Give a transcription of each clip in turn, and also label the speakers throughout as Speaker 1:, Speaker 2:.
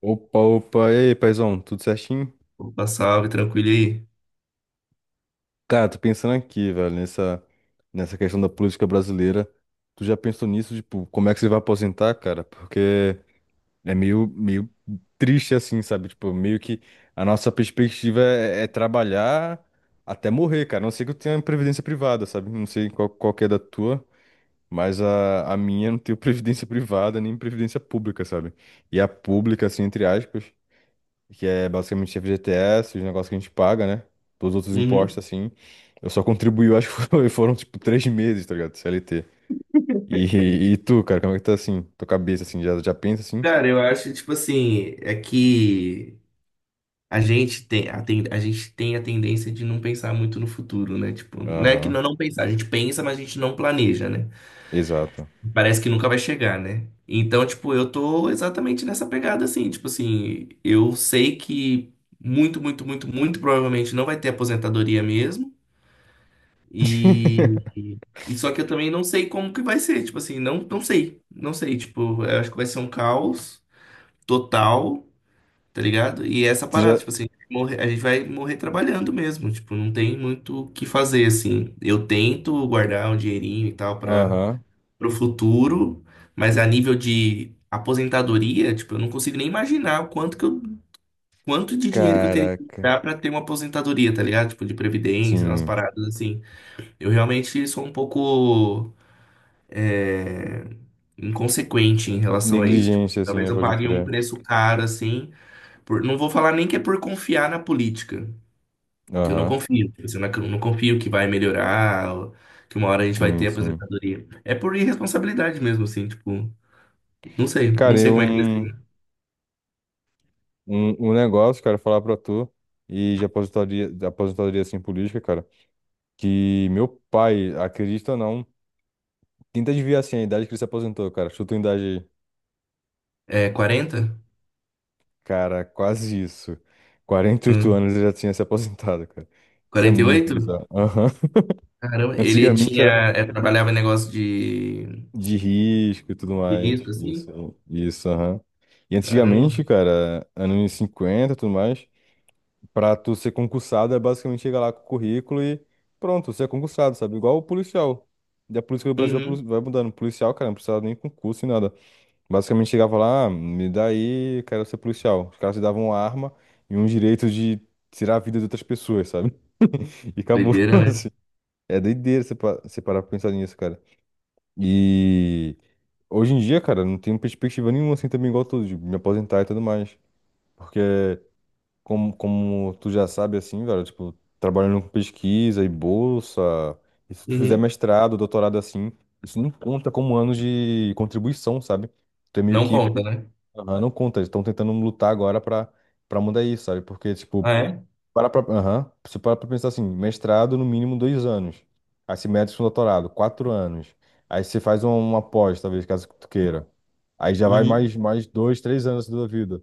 Speaker 1: Opa, opa, e aí, paizão, tudo certinho?
Speaker 2: Opa, salve, tranquilo aí?
Speaker 1: Cara, tô pensando aqui, velho, nessa questão da política brasileira. Tu já pensou nisso, tipo, como é que você vai aposentar, cara? Porque é meio triste assim, sabe? Tipo, meio que a nossa perspectiva é trabalhar até morrer, cara. A não ser que eu tenha previdência privada, sabe? Não sei qual que é da tua, mas a minha não tem previdência privada nem previdência pública, sabe? E a pública, assim, entre aspas, que é basicamente FGTS, os negócios que a gente paga, né? Todos os outros
Speaker 2: Uhum.
Speaker 1: impostos, assim. Eu só contribuí, eu acho que foram, tipo, três meses, tá ligado? CLT. E tu, cara, como é que tá, assim? Tua cabeça, assim, já pensa, assim?
Speaker 2: Cara, eu acho, tipo assim, é que a gente tem a gente tem a tendência de não pensar muito no futuro, né? Tipo, não é que
Speaker 1: Aham,
Speaker 2: não pensar, a gente pensa, mas a gente não planeja, né?
Speaker 1: exato.
Speaker 2: Parece que nunca vai chegar, né? Então, tipo, eu tô exatamente nessa pegada, assim, tipo assim, eu sei que muito provavelmente não vai ter aposentadoria mesmo. E, e só que eu também não sei como que vai ser, tipo assim, não sei, tipo, eu acho que vai ser um caos total. Tá ligado? E essa
Speaker 1: Tu
Speaker 2: parada,
Speaker 1: já...
Speaker 2: tipo assim, a gente vai morrer trabalhando mesmo, tipo, não tem muito o que fazer, assim. Eu tento guardar um dinheirinho e tal para
Speaker 1: Aham.
Speaker 2: pro futuro, mas a nível de aposentadoria, tipo, eu não consigo nem imaginar o quanto que eu, quanto de dinheiro que eu teria que
Speaker 1: Caraca.
Speaker 2: dar para ter uma aposentadoria, tá ligado? Tipo, de previdência, umas
Speaker 1: Sim.
Speaker 2: paradas assim. Eu realmente sou um pouco é, inconsequente em relação a isso. Tipo,
Speaker 1: Negligência, assim,
Speaker 2: talvez
Speaker 1: né?
Speaker 2: eu
Speaker 1: Pode
Speaker 2: pague um
Speaker 1: crer.
Speaker 2: preço caro, assim, não vou falar nem que é por confiar na política, que eu não
Speaker 1: Aham.
Speaker 2: confio. Tipo assim, eu não confio que vai melhorar, ou que uma hora a gente vai
Speaker 1: Sim,
Speaker 2: ter
Speaker 1: sim.
Speaker 2: aposentadoria. É por irresponsabilidade mesmo, assim, tipo, não
Speaker 1: Cara,
Speaker 2: sei
Speaker 1: eu...
Speaker 2: como é que eles
Speaker 1: Um,
Speaker 2: têm.
Speaker 1: um, um negócio, cara, falar pra tu e de aposentadoria, assim, política, cara. Que meu pai, acredita ou não, tenta adivinhar assim a idade que ele se aposentou, cara. Chuta uma idade aí.
Speaker 2: É 40?
Speaker 1: Cara, quase isso. 48
Speaker 2: Hum,
Speaker 1: anos ele já tinha se aposentado, cara. Isso é muito
Speaker 2: 48?
Speaker 1: bizarro. Aham.
Speaker 2: Caramba, ele
Speaker 1: Antigamente
Speaker 2: tinha,
Speaker 1: era
Speaker 2: é, trabalhava em negócio
Speaker 1: de risco e tudo
Speaker 2: de
Speaker 1: mais.
Speaker 2: risco, assim?
Speaker 1: Isso, aham. E
Speaker 2: Caramba.
Speaker 1: antigamente, cara, anos 50 e tudo mais, pra tu ser concursado é basicamente chegar lá com o currículo e pronto, você é concursado, sabe? Igual o policial. E a política do Brasil vai
Speaker 2: Uhum.
Speaker 1: vai mudando. Policial, cara, não precisa nem concurso e nada. Basicamente chegava lá, "Ah, me dá aí, eu quero ser policial." Os caras te davam uma arma e um direito de tirar a vida de outras pessoas, sabe? E acabou,
Speaker 2: Doideira, né?
Speaker 1: assim. É doideira você você parar pra pensar nisso, cara. E hoje em dia, cara, não tenho perspectiva nenhuma assim também igual tu, de me aposentar e tudo mais. Porque, como tu já sabe, assim, velho, tipo, trabalhando com pesquisa e bolsa, e se tu fizer
Speaker 2: Uhum.
Speaker 1: mestrado, doutorado assim, isso não conta como anos de contribuição, sabe? Tu é meio
Speaker 2: Não
Speaker 1: que
Speaker 2: conta, né?
Speaker 1: aham, não conta, eles estão tentando lutar agora pra mudar isso, sabe? Porque, tipo,
Speaker 2: Ah, é?
Speaker 1: aham, você para pra pensar assim, mestrado no mínimo dois anos, aí você mete com doutorado, quatro anos, aí você faz uma pós, talvez, caso tu queira, aí já vai
Speaker 2: Uhum.
Speaker 1: mais dois, três anos da tua vida.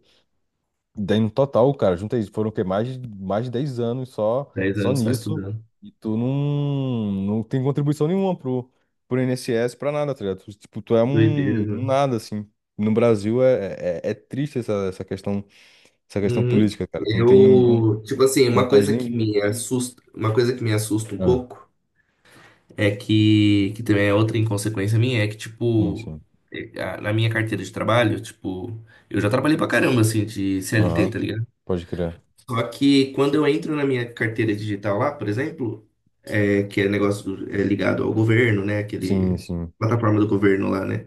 Speaker 1: Daí no total, cara, junta aí, foram o quê? Mais de 10 anos só,
Speaker 2: 10
Speaker 1: só
Speaker 2: anos só
Speaker 1: nisso.
Speaker 2: estudando.
Speaker 1: E tu não tem contribuição nenhuma pro INSS, pra nada, tá ligado? Tu, tipo, tu é um,
Speaker 2: Doideira,
Speaker 1: um
Speaker 2: né?
Speaker 1: nada, assim. No Brasil é triste essa questão, essa questão
Speaker 2: Uhum.
Speaker 1: política, cara. Tu não tem
Speaker 2: Eu, tipo assim, uma coisa
Speaker 1: vantagem
Speaker 2: que
Speaker 1: nenhuma.
Speaker 2: me assusta, uma coisa que me assusta um
Speaker 1: Ah,
Speaker 2: pouco é que também é outra inconsequência minha, é que,
Speaker 1: sim,
Speaker 2: tipo,
Speaker 1: sim.
Speaker 2: na minha carteira de trabalho, tipo, eu já trabalhei pra caramba, assim, de CLT,
Speaker 1: Aham.
Speaker 2: tá ligado?
Speaker 1: Pode crer.
Speaker 2: Só que quando eu entro na minha carteira digital lá, por exemplo, que é é ligado ao governo, né?
Speaker 1: Sim,
Speaker 2: Aquele
Speaker 1: sim,
Speaker 2: plataforma do governo lá, né?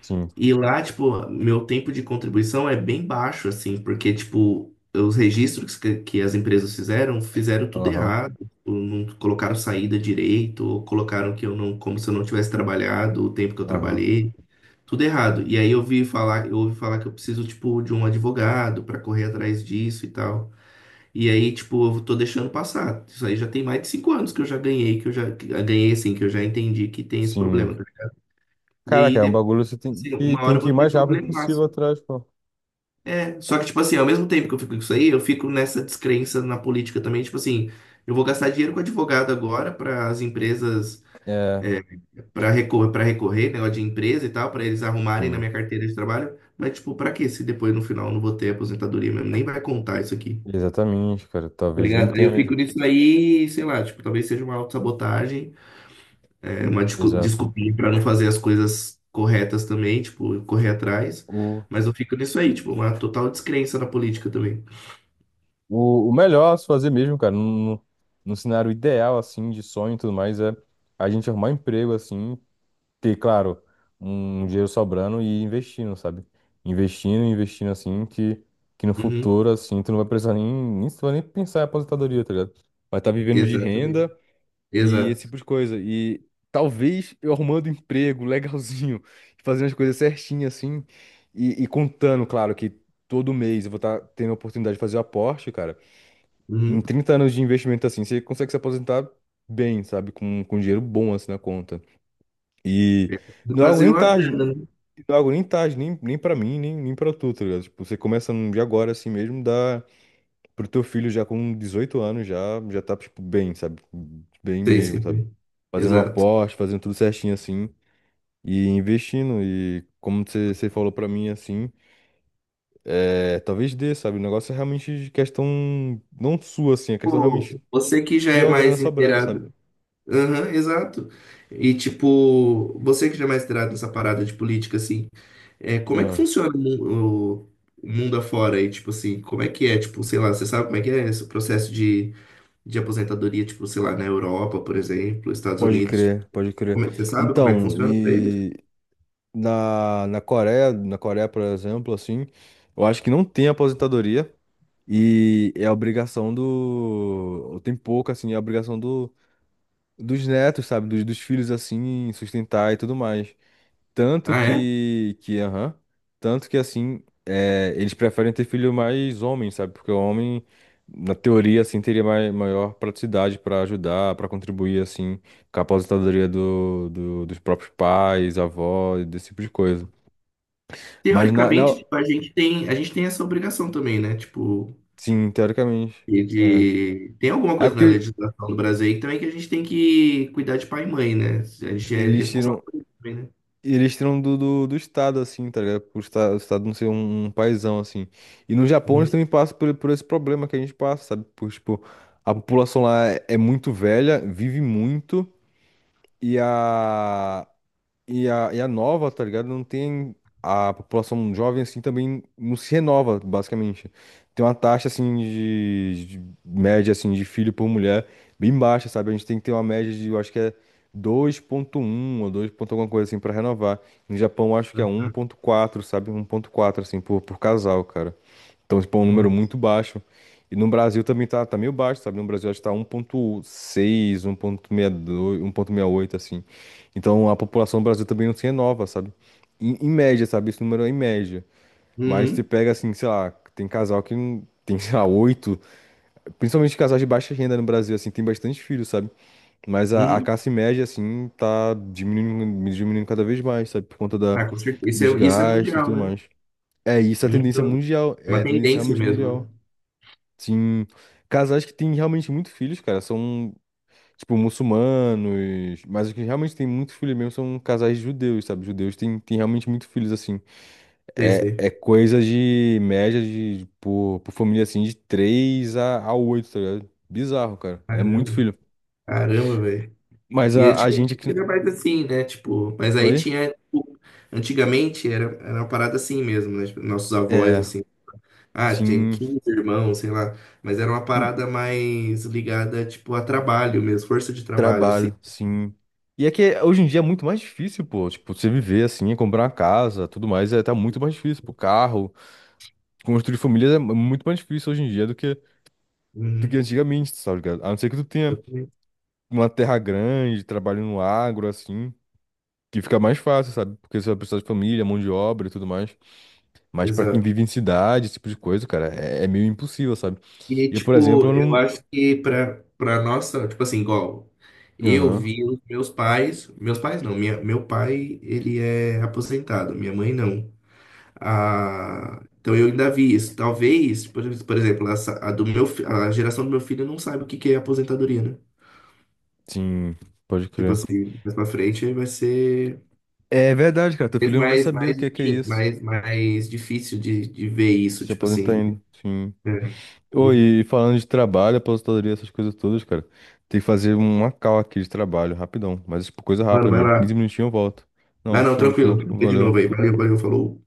Speaker 1: sim.
Speaker 2: E lá, tipo, meu tempo de contribuição é bem baixo, assim, porque, tipo, os registros que as empresas fizeram tudo
Speaker 1: Aham,
Speaker 2: errado. Tipo, não colocaram saída direito, ou colocaram que eu como se eu não tivesse trabalhado o tempo que eu
Speaker 1: aham.
Speaker 2: trabalhei, tudo errado. E aí eu ouvi falar que eu preciso, tipo, de um advogado para correr atrás disso e tal. E aí, tipo, eu tô deixando passar. Isso aí já tem mais de cinco anos que eu já ganhei, que eu já que- ganhei, assim, que eu já entendi que tem esse problema.
Speaker 1: Sim.
Speaker 2: E
Speaker 1: Caraca,
Speaker 2: aí,
Speaker 1: é um
Speaker 2: depois,
Speaker 1: bagulho que você tem
Speaker 2: assim, uma
Speaker 1: tem
Speaker 2: hora eu
Speaker 1: que ir
Speaker 2: vou ter
Speaker 1: mais rápido
Speaker 2: problema
Speaker 1: possível atrás, pô.
Speaker 2: só que, tipo assim, ao mesmo tempo que eu fico com isso aí, eu fico nessa descrença na política também, tipo assim, eu vou gastar dinheiro com advogado agora para as empresas,
Speaker 1: É.
Speaker 2: para recorrer, negócio de empresa e tal, para eles arrumarem na
Speaker 1: Sim.
Speaker 2: minha carteira de trabalho, mas, tipo, pra quê? Se depois no final eu não vou ter aposentadoria mesmo, nem vai contar isso aqui.
Speaker 1: Exatamente, cara.
Speaker 2: Tá
Speaker 1: Talvez nem
Speaker 2: ligado? Aí
Speaker 1: tenha
Speaker 2: eu fico
Speaker 1: mesmo.
Speaker 2: nisso aí, sei lá, tipo, talvez seja uma autossabotagem, é uma
Speaker 1: Exato.
Speaker 2: desculpinha pra não fazer as coisas corretas também, tipo, correr atrás.
Speaker 1: O,
Speaker 2: Mas eu fico nisso aí, tipo, uma total descrença na política também.
Speaker 1: o melhor a se fazer mesmo, cara, no no cenário ideal, assim, de sonho e tudo mais, é a gente arrumar um emprego, assim, ter, claro, um dinheiro sobrando e investindo, sabe? Investindo, investindo, assim, que no
Speaker 2: Uhum.
Speaker 1: futuro, assim, tu não vai precisar nem, nem, tu vai nem pensar em aposentadoria, tá ligado? Vai estar vivendo de
Speaker 2: Exatamente.
Speaker 1: renda. E esse
Speaker 2: Exato.
Speaker 1: tipo de coisa. E talvez eu arrumando um emprego legalzinho, fazendo as coisas certinho assim, e contando, claro, que todo mês eu vou estar tendo a oportunidade de fazer o aporte, cara. Em
Speaker 2: Uhum.
Speaker 1: 30 anos de investimento assim, você consegue se aposentar bem, sabe? Com dinheiro bom assim na conta. E
Speaker 2: É.
Speaker 1: não é algo
Speaker 2: Fazer
Speaker 1: nem
Speaker 2: uma
Speaker 1: tarde,
Speaker 2: grana, né?
Speaker 1: não é algo nem tarde, nem pra mim, nem pra tu, tá ligado? Tipo, você começa de agora assim mesmo, dá pro teu filho já com 18 anos já já tá tipo bem, sabe? Bem
Speaker 2: Sei,
Speaker 1: mesmo, sabe?
Speaker 2: sempre.
Speaker 1: Fazendo um
Speaker 2: Exato.
Speaker 1: aporte, fazendo tudo certinho assim e investindo e como você falou pra mim assim, é, talvez dê, sabe? O negócio é realmente de questão não sua assim, a questão
Speaker 2: Pô,
Speaker 1: realmente
Speaker 2: você que já
Speaker 1: de
Speaker 2: é
Speaker 1: uma grana
Speaker 2: mais
Speaker 1: sobrando, sabe?
Speaker 2: inteirado. Aham, exato. E, tipo, você que já é mais inteirado nessa parada de política, assim, é, como é que
Speaker 1: Ah,
Speaker 2: funciona o mundo afora aí? Tipo assim, como é que é? Tipo, sei lá, você sabe como é que é esse processo de aposentadoria, tipo, sei lá, na Europa, por exemplo, Estados
Speaker 1: pode
Speaker 2: Unidos? Tipo,
Speaker 1: crer, pode crer.
Speaker 2: como é que você sabe como é que
Speaker 1: Então,
Speaker 2: funciona pra eles?
Speaker 1: e na Coreia, na Coreia, por exemplo, assim, eu acho que não tem aposentadoria. E é a obrigação do. Tem pouco, assim, é a obrigação do... dos netos, sabe? Dos filhos, assim, sustentar e tudo mais. Tanto
Speaker 2: Ah, é?
Speaker 1: que. Que aham. Tanto que, assim, é... eles preferem ter filho mais homem, sabe? Porque o homem, na teoria, assim, teria maior praticidade para ajudar, para contribuir, assim, com a aposentadoria dos próprios pais, avós, desse tipo de coisa. Mas,
Speaker 2: Teoricamente, tipo, a gente tem essa obrigação também, né? Tipo,
Speaker 1: sim, teoricamente.
Speaker 2: e
Speaker 1: É.
Speaker 2: de... tem alguma
Speaker 1: É
Speaker 2: coisa na
Speaker 1: porque
Speaker 2: legislação do Brasil aí também que a gente tem que cuidar de pai e mãe, né? A gente é
Speaker 1: eles tiram.
Speaker 2: responsável por isso também, né?
Speaker 1: E eles tiram do Estado, assim, tá ligado? Por o Estado não ser um paizão, assim. E no Japão eles
Speaker 2: Uhum,
Speaker 1: também passam por esse problema que a gente passa, sabe? Por, tipo, a população lá é muito velha, vive muito, e a, e a nova, tá ligado? Não tem. A população jovem, assim, também não se renova, basicamente. Tem uma taxa, assim, de média, assim, de filho por mulher bem baixa, sabe? A gente tem que ter uma média de, eu acho que é dois ponto um ou 2 ponto alguma coisa, assim, pra renovar. No Japão, eu acho que é
Speaker 2: tá,
Speaker 1: um
Speaker 2: tá,
Speaker 1: ponto quatro, sabe? Um ponto quatro assim, por casal, cara. Então, tipo, é um
Speaker 2: boa.
Speaker 1: número muito baixo. E no Brasil também tá meio baixo, sabe? No Brasil acho que tá 1,6, 1,62, oito, assim. Então a população do Brasil também não se renova, sabe? Em média, sabe? Esse número é em média. Mas você
Speaker 2: Uhum.
Speaker 1: pega, assim, sei lá, tem casal que tem, sei lá, oito. Principalmente casais de baixa renda no Brasil, assim, tem bastante filhos, sabe? Mas a
Speaker 2: Uhum.
Speaker 1: classe média, assim, tá diminuindo, diminuindo cada vez mais, sabe? Por conta da,
Speaker 2: Ah, com certeza.
Speaker 1: dos
Speaker 2: Isso é
Speaker 1: gastos e
Speaker 2: mundial,
Speaker 1: tudo
Speaker 2: né?
Speaker 1: mais. É, isso é
Speaker 2: É
Speaker 1: a tendência
Speaker 2: mundial.
Speaker 1: mundial.
Speaker 2: É
Speaker 1: É
Speaker 2: uma
Speaker 1: a tendência
Speaker 2: tendência
Speaker 1: realmente
Speaker 2: mesmo, né?
Speaker 1: mundial. Sim, casais que têm realmente muitos filhos, cara, são, tipo, muçulmanos, mas os que realmente têm muitos filhos mesmo são casais judeus, sabe? Judeus têm realmente muitos filhos, assim.
Speaker 2: Sei,
Speaker 1: É,
Speaker 2: sei.
Speaker 1: é coisa de média de, por família, assim, de 3 a oito, tá ligado? Bizarro, cara. É muito
Speaker 2: Caramba,
Speaker 1: filho.
Speaker 2: caramba, velho.
Speaker 1: Mas
Speaker 2: E
Speaker 1: a
Speaker 2: antigamente
Speaker 1: gente aqui...
Speaker 2: era mais assim, né? Tipo, mas aí
Speaker 1: Oi?
Speaker 2: tinha, tipo, antigamente era uma parada assim mesmo, né? Tipo, nossos avós,
Speaker 1: É,
Speaker 2: assim. Ah, tinha
Speaker 1: sim,
Speaker 2: 15 irmãos, sei lá. Mas era uma parada mais ligada, tipo, a trabalho mesmo, força de trabalho, assim.
Speaker 1: trabalho, sim. E é que hoje em dia é muito mais difícil, pô. Tipo, você viver assim, é comprar uma casa, tudo mais, é, tá muito mais difícil, pô. Carro. Construir família é muito mais difícil hoje em dia do que
Speaker 2: Uhum,
Speaker 1: antigamente, sabe, ligado? A não ser que tu tenha
Speaker 2: exatamente.
Speaker 1: uma terra grande, trabalhe no agro, assim, que fica mais fácil, sabe? Porque você vai precisar de família, mão de obra e tudo mais. Mas pra quem
Speaker 2: Exato.
Speaker 1: vive em cidade, esse tipo de coisa, cara, é meio impossível, sabe?
Speaker 2: E,
Speaker 1: E eu, por exemplo,
Speaker 2: tipo,
Speaker 1: eu
Speaker 2: eu
Speaker 1: não.
Speaker 2: acho que pra nossa, tipo assim, igual, eu
Speaker 1: Aham,
Speaker 2: vi os meus pais não, meu pai, ele é aposentado, minha mãe não. Ah, então eu ainda vi isso. Talvez, por exemplo, essa, a do a geração do meu filho não sabe o que que é aposentadoria, né?
Speaker 1: sim, pode
Speaker 2: Tipo
Speaker 1: crer.
Speaker 2: assim, mais pra frente vai ser.
Speaker 1: É verdade, cara, teu
Speaker 2: Mas
Speaker 1: filho não vai saber o que é
Speaker 2: enfim,
Speaker 1: isso.
Speaker 2: mais difícil de ver isso,
Speaker 1: Se
Speaker 2: tipo
Speaker 1: aposentar
Speaker 2: assim.
Speaker 1: ainda, sim.
Speaker 2: É,
Speaker 1: Ô,
Speaker 2: isso.
Speaker 1: e falando de trabalho, aposentadoria, essas coisas todas, cara, tem que fazer uma call aqui de trabalho, rapidão. Mas, tipo, coisa
Speaker 2: Mano,
Speaker 1: rápida
Speaker 2: vai
Speaker 1: mesmo. 15
Speaker 2: lá.
Speaker 1: minutinhos eu volto.
Speaker 2: Ah,
Speaker 1: Não,
Speaker 2: não,
Speaker 1: show,
Speaker 2: tranquilo.
Speaker 1: show.
Speaker 2: Fica de novo
Speaker 1: Valeu.
Speaker 2: aí. Valeu, valeu, falou.